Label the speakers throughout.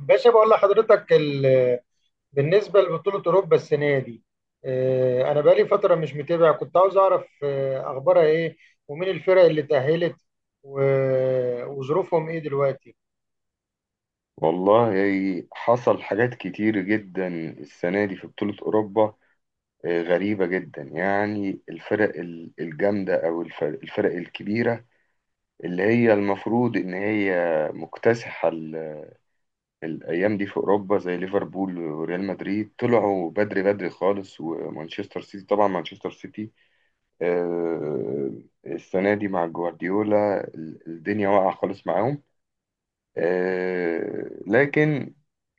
Speaker 1: باشا بقول لحضرتك بالنسبة لبطولة أوروبا السنة دي. أنا بقالي فترة مش متابع، كنت عاوز أعرف أخبارها إيه، ومين الفرق اللي تأهلت وظروفهم إيه دلوقتي.
Speaker 2: والله حصل حاجات كتير جدا السنة دي في بطولة أوروبا. غريبة جدا يعني الفرق الجامدة، أو الفرق الكبيرة اللي هي المفروض إن هي مكتسحة الأيام دي في أوروبا، زي ليفربول وريال مدريد طلعوا بدري بدري خالص، ومانشستر سيتي طبعا. مانشستر سيتي آه، السنة دي مع جوارديولا الدنيا واقعة خالص معاهم، لكن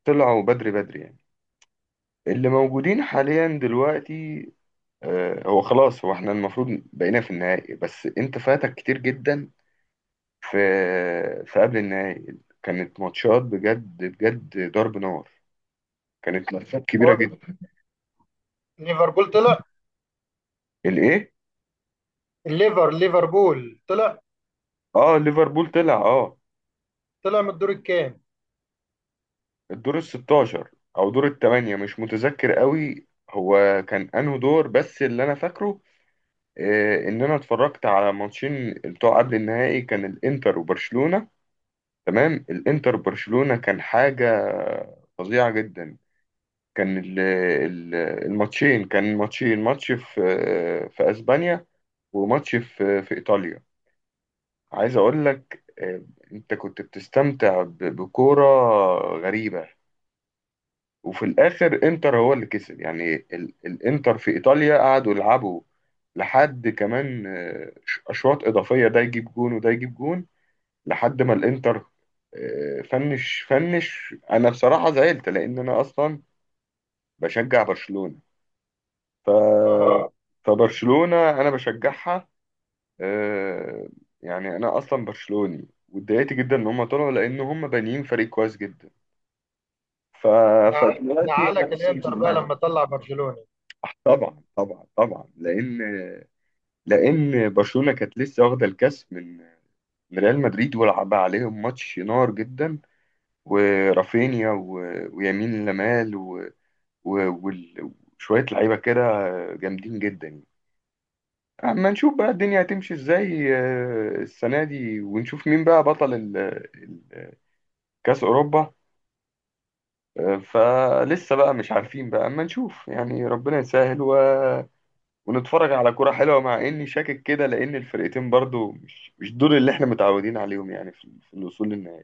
Speaker 2: طلعوا بدري بدري يعني. اللي موجودين حاليا دلوقتي، هو خلاص، هو احنا المفروض بقينا في النهائي، بس انت فاتك كتير جدا، في في قبل النهائي كانت ماتشات بجد بجد، ضرب نار، كانت ماتشات كبيرة
Speaker 1: هو
Speaker 2: جدا.
Speaker 1: ليفربول طلع.
Speaker 2: الايه؟
Speaker 1: ليفربول طلع،
Speaker 2: اه، ليفربول طلع اه.
Speaker 1: طلع من الدور الكام؟
Speaker 2: الدور ال 16 او دور الثمانية مش متذكر قوي، هو كان انه دور بس اللي انا فاكره، ان انا اتفرجت على ماتشين بتوع قبل النهائي، كان الانتر وبرشلونة. تمام، الانتر برشلونة كان حاجة فظيعة جدا، كان الماتشين، كان ماتشين، ماتش في اسبانيا وماتش في ايطاليا. عايز اقول لك، انت كنت بتستمتع بكورة غريبة، وفي الاخر انتر هو اللي كسب، يعني الانتر في ايطاليا قعدوا يلعبوا لحد كمان، اشواط اضافية، ده يجيب جون وده يجيب جون، لحد ما الانتر فنش. انا بصراحه زعلت، لان انا اصلا بشجع برشلونه، ف
Speaker 1: اه.
Speaker 2: اه فبرشلونه انا بشجعها، آه، يعني انا اصلا برشلوني، واتضايقت جدا ان هم طلعوا، لان هم بانيين فريق كويس جدا. ف... فدلوقتي
Speaker 1: زعلك الإنتر بقى لما طلع برشلونة؟
Speaker 2: طبعا طبعا طبعا، لان برشلونه كانت لسه واخده الكاس من ريال مدريد، ولعب عليهم ماتش نار جدا، ورافينيا، ويمين لمال، و... وال- وشوية لعيبة كده جامدين جدا يعني. أما نشوف بقى الدنيا هتمشي ازاي السنة دي، ونشوف مين بقى بطل ال- كأس أوروبا. فلسه بقى مش عارفين بقى، أما نشوف يعني، ربنا يسهل ونتفرج على كرة حلوة، مع إني شاكك كده، لأن الفرقتين برضو مش دول اللي إحنا متعودين عليهم، يعني في الوصول للنهائي.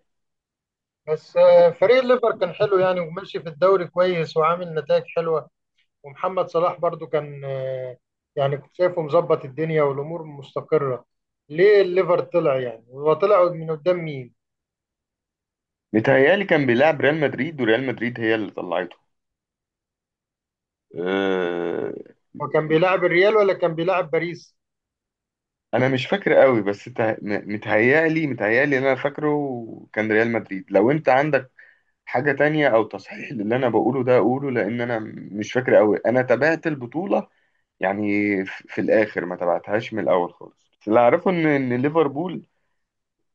Speaker 1: بس فريق الليفر كان حلو يعني، وماشي في الدوري كويس وعامل نتائج حلوة، ومحمد صلاح برضو كان يعني كنت شايفه مظبط الدنيا والامور مستقره. ليه الليفر طلع؟ يعني هو طلع من قدام مين؟
Speaker 2: متهيألي كان بيلعب ريال مدريد، وريال مدريد هي اللي طلعته، آه،
Speaker 1: هو كان بيلعب الريال ولا كان بيلعب باريس؟
Speaker 2: انا مش فاكر قوي، بس متهيألي اللي انا فاكره كان ريال مدريد. لو انت عندك حاجة تانية او تصحيح للي انا بقوله ده اقوله، لان انا مش فاكر قوي، انا تابعت البطولة يعني، في الاخر ما تابعتهاش من الاول خالص، بس اللي اعرفه ان ليفربول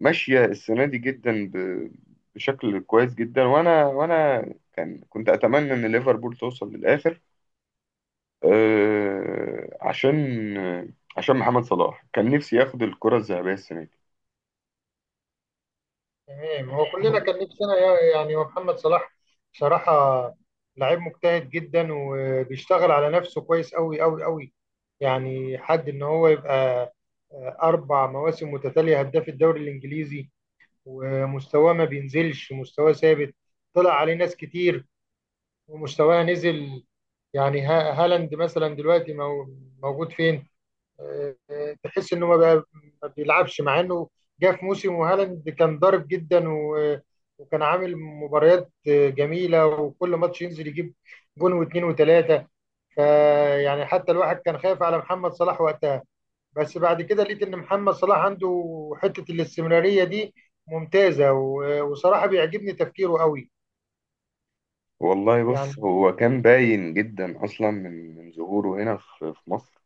Speaker 2: ماشية السنة دي جدا بشكل كويس جدا، وانا كنت اتمنى ان ليفربول توصل للاخر، عشان محمد صلاح كان نفسي ياخد الكرة الذهبية السنة دي.
Speaker 1: تمام. هو كلنا كان نفسنا، يعني هو محمد صلاح بصراحه لعيب مجتهد جدا وبيشتغل على نفسه كويس قوي قوي قوي. يعني حد ان هو يبقى اربع مواسم متتاليه هداف الدوري الانجليزي، ومستواه ما بينزلش، مستواه ثابت. طلع عليه ناس كتير ومستواه نزل، يعني هالاند مثلا دلوقتي موجود فين؟ تحس انه ما بيلعبش، مع انه جه في موسم وهالاند كان ضارب جدا، وكان عامل مباريات جميله، وكل ماتش ينزل يجيب جون واثنين وثلاثه. فيعني حتى الواحد كان خايف على محمد صلاح وقتها، بس بعد كده لقيت ان محمد صلاح عنده حته الاستمراريه دي ممتازه، وصراحه بيعجبني تفكيره قوي
Speaker 2: والله بص،
Speaker 1: يعني.
Speaker 2: هو كان باين جدا اصلا من ظهوره هنا في مصر،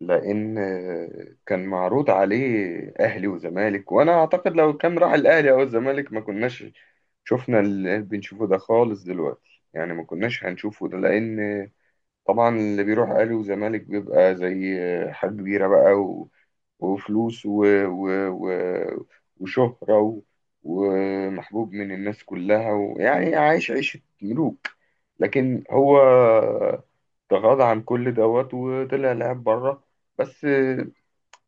Speaker 2: لان كان معروض عليه اهلي وزمالك، وانا اعتقد لو كان راح الاهلي او الزمالك ما كناش شفنا اللي بنشوفه ده خالص دلوقتي، يعني ما كناش هنشوفه ده، لان طبعا اللي بيروح اهلي وزمالك بيبقى زي حاجة كبيرة بقى، وفلوس، وشهرة، ومحبوب من الناس كلها، ويعني عايش عيشة ملوك. لكن هو تغاضى عن كل دوت، وطلع لعب بره. بس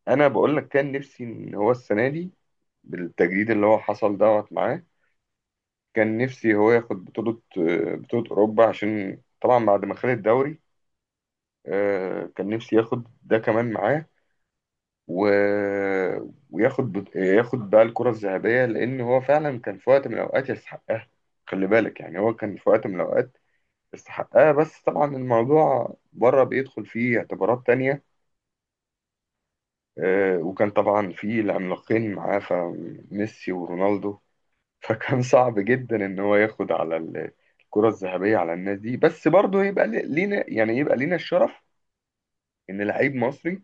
Speaker 2: انا بقول لك كان نفسي ان هو السنة دي بالتجديد اللي هو حصل دوت معاه، كان نفسي هو ياخد بطولة أوروبا، عشان طبعا بعد ما خد الدوري، كان نفسي ياخد ده كمان معاه، و... وياخد بقى الكرة الذهبية، لأن هو فعلا كان في وقت من الأوقات يستحقها. خلي بالك يعني، هو كان في وقت من الأوقات يستحقها، بس طبعا الموضوع بره بيدخل فيه اعتبارات تانية، وكان طبعا فيه العملاقين معاه، فميسي ورونالدو، فكان صعب جدا إن هو ياخد على الكرة الذهبية على الناس دي، بس برضه يبقى لينا يعني، يبقى لينا الشرف إن لعيب مصري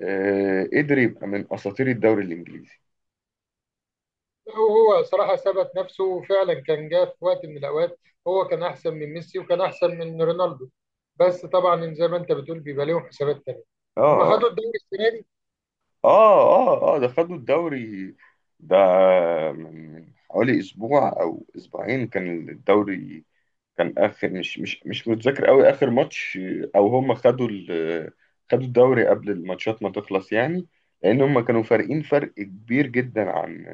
Speaker 2: قدر يبقى من اساطير الدوري الانجليزي.
Speaker 1: هو صراحة ثبت نفسه فعلا، كان جه في وقت من الأوقات هو كان أحسن من ميسي وكان أحسن من رونالدو، بس طبعا زي ما أنت بتقول بيبقى لهم حسابات تانية. هم
Speaker 2: اه،
Speaker 1: خدوا الدوري السنة دي.
Speaker 2: اه، اه، اه، ده خدوا الدوري ده من حوالي اسبوع او اسبوعين، كان الدوري كان اخر، مش متذكر قوي اخر ماتش، او هم خدوا خدوا الدوري قبل الماتشات ما تخلص يعني، لان هم كانوا فارقين فرق كبير جدا عن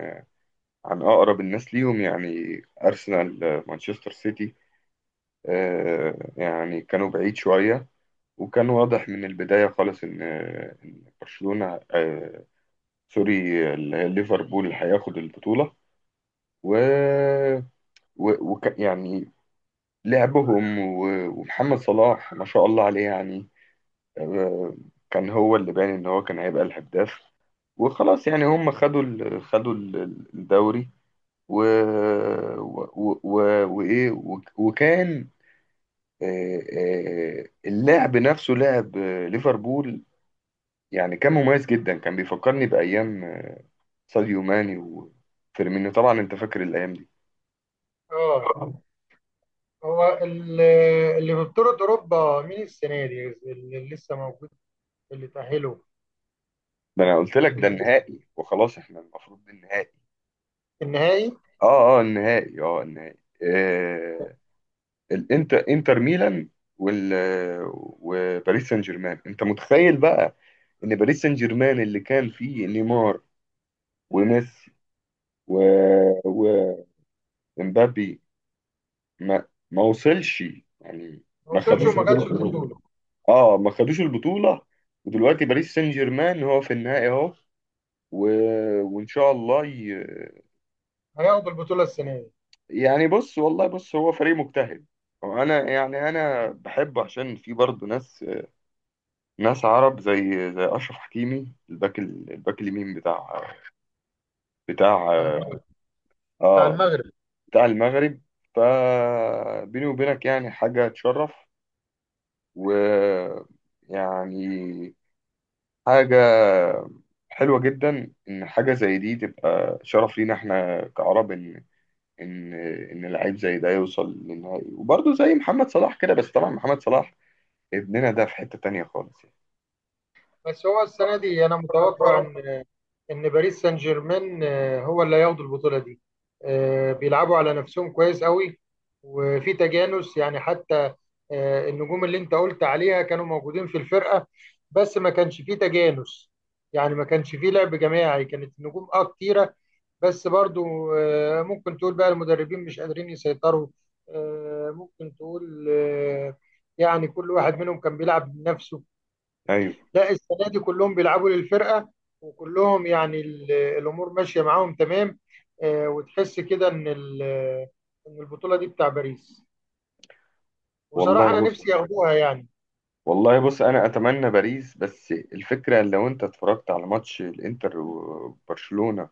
Speaker 2: اقرب الناس ليهم، يعني ارسنال، مانشستر سيتي، يعني كانوا بعيد شوية. وكان واضح من البداية خالص إن برشلونة، سوري، ليفربول هياخد البطولة، و, يعني لعبهم، ومحمد صلاح ما شاء الله عليه، يعني آه، كان هو اللي باين إن هو كان هيبقى الهداف، وخلاص يعني هم خدوا خدوا الدوري، و... و... و... وإيه، وكان اللعب نفسه، لعب ليفربول يعني، كان مميز جدا، كان بيفكرني بأيام ساديو ماني وفيرمينيو، طبعا أنت فاكر الأيام دي.
Speaker 1: اه، هو اللي في بطولة أوروبا مين السنة دي اللي لسه موجود، اللي تأهلوا؟
Speaker 2: ده أنا قلت لك ده
Speaker 1: الباريس
Speaker 2: النهائي وخلاص، إحنا المفروض ده النهائي.
Speaker 1: في النهائي.
Speaker 2: أه، أه، النهائي، أه، النهائي، آه الإنتر، إنتر ميلان، وال وباريس سان جيرمان. أنت متخيل بقى إن باريس سان جيرمان اللي كان فيه نيمار وميسي، و... ومبابي، ما وصلش يعني.
Speaker 1: ما
Speaker 2: ما
Speaker 1: وصلش
Speaker 2: خدوش،
Speaker 1: وما خدش البطولة؟
Speaker 2: اه ما خدوش البطولة، ودلوقتي باريس سان جيرمان هو في النهائي اهو، و... وان شاء الله ي...
Speaker 1: هياخد البطولة السنة دي.
Speaker 2: يعني بص، والله بص، هو فريق مجتهد. انا يعني انا بحبه عشان في برضه ناس، عرب زي اشرف حكيمي، الباك، الباك اليمين بتاع بتاع
Speaker 1: بتاع المغرب. بتاع
Speaker 2: اه
Speaker 1: المغرب.
Speaker 2: بتاع المغرب. فبيني وبينك يعني حاجة تشرف، و يعني حاجة حلوة جدا إن حاجة زي دي تبقى شرف لينا إحنا كعرب، إن إن لعيب زي ده يوصل للنهائي، وبرضه زي محمد صلاح كده، بس طبعا محمد صلاح ابننا ده في حتة تانية خالص يعني.
Speaker 1: بس هو السنة دي أنا متوقع إن باريس سان جيرمان هو اللي هياخد البطوله دي. بيلعبوا على نفسهم كويس قوي، وفي تجانس. يعني حتى النجوم اللي انت قلت عليها كانوا موجودين في الفرقه، بس ما كانش فيه تجانس. يعني ما كانش فيه لعب جماعي، كانت النجوم اه كتيره، بس برضو ممكن تقول بقى المدربين مش قادرين يسيطروا. آه، ممكن تقول آه، يعني كل واحد منهم كان بيلعب بنفسه.
Speaker 2: أيوه.
Speaker 1: لا، السنه دي كلهم بيلعبوا للفرقه، وكلهم يعني الامور ماشيه معاهم تمام. وتحس كده ان ان البطوله دي بتاع باريس، وصراحه انا
Speaker 2: والله بص،
Speaker 1: نفسي ياخدوها يعني.
Speaker 2: والله بص، أنا أتمنى باريس، بس الفكرة لو أنت اتفرجت على ماتش الإنتر وبرشلونة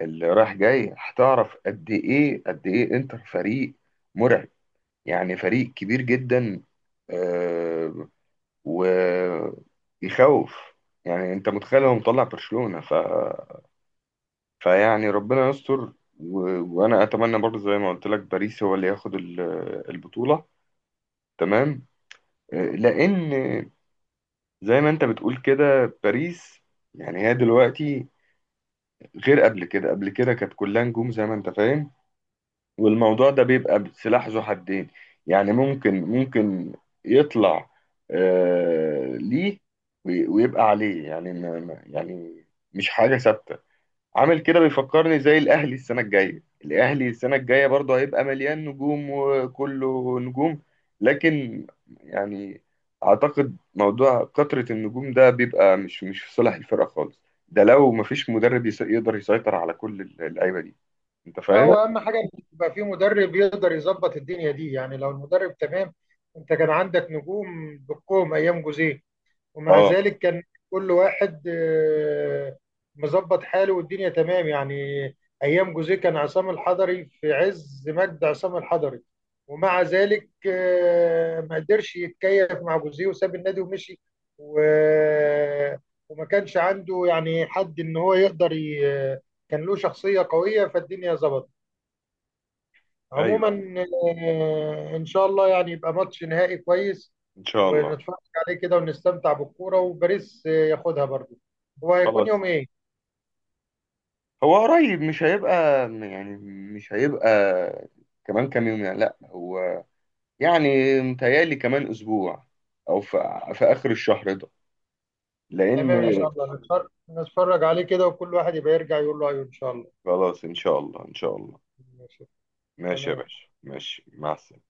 Speaker 2: اللي رايح جاي، هتعرف قد إيه قد إيه إنتر فريق مرعب، يعني فريق كبير جدا، آه، ويخوف. يعني انت متخيل هو مطلع برشلونة؟ فيعني ربنا يستر، و... وانا اتمنى برضه زي ما قلت لك، باريس هو اللي ياخد البطولة، تمام، لان زي ما انت بتقول كده، باريس يعني هي دلوقتي غير قبل كده، قبل كده كانت كلها نجوم زي ما انت فاهم، والموضوع ده بيبقى سلاح ذو حدين، يعني ممكن يطلع ليه، ويبقى عليه، يعني يعني مش حاجة ثابتة. عامل كده بيفكرني زي الأهلي، السنة الجاية الأهلي السنة الجاية برضه هيبقى مليان نجوم وكله نجوم، لكن يعني أعتقد موضوع كثرة النجوم ده بيبقى مش في صالح الفرقة خالص، ده لو مفيش مدرب يقدر يسيطر على كل اللعيبة دي، أنت
Speaker 1: لا،
Speaker 2: فاهم؟
Speaker 1: هو اهم حاجه ان يبقى في مدرب يقدر يظبط الدنيا دي، يعني لو المدرب تمام. انت كان عندك نجوم بالكوم ايام جوزيه، ومع
Speaker 2: اه،
Speaker 1: ذلك كان كل واحد مظبط حاله والدنيا تمام يعني. ايام جوزيه كان عصام الحضري في عز مجد عصام الحضري، ومع ذلك ما قدرش يتكيف مع جوزيه وساب النادي ومشي. و- آه، وما كانش عنده يعني حد ان هو يقدر كان له شخصية قوية فالدنيا ظبطت. عموما
Speaker 2: ايوه،
Speaker 1: ان شاء الله يعني يبقى ماتش نهائي كويس،
Speaker 2: ان شاء الله.
Speaker 1: ونتفرج عليه كده ونستمتع بالكوره، وباريس ياخدها برضو. هو هيكون
Speaker 2: خلاص،
Speaker 1: يوم ايه؟
Speaker 2: هو قريب، مش هيبقى يعني مش هيبقى كمان كام يوم يعني، لا هو يعني متهيألي كمان اسبوع، او في اخر الشهر ده لان.
Speaker 1: تمام، ان شاء الله نتفرج، نتفرج عليه كده، وكل واحد يبقى يرجع يقول له ايوه ان شاء الله.
Speaker 2: خلاص، ان شاء الله، ان شاء الله.
Speaker 1: ماشي.
Speaker 2: ماشي يا
Speaker 1: تمام.
Speaker 2: باشا، ماشي، مع السلامة.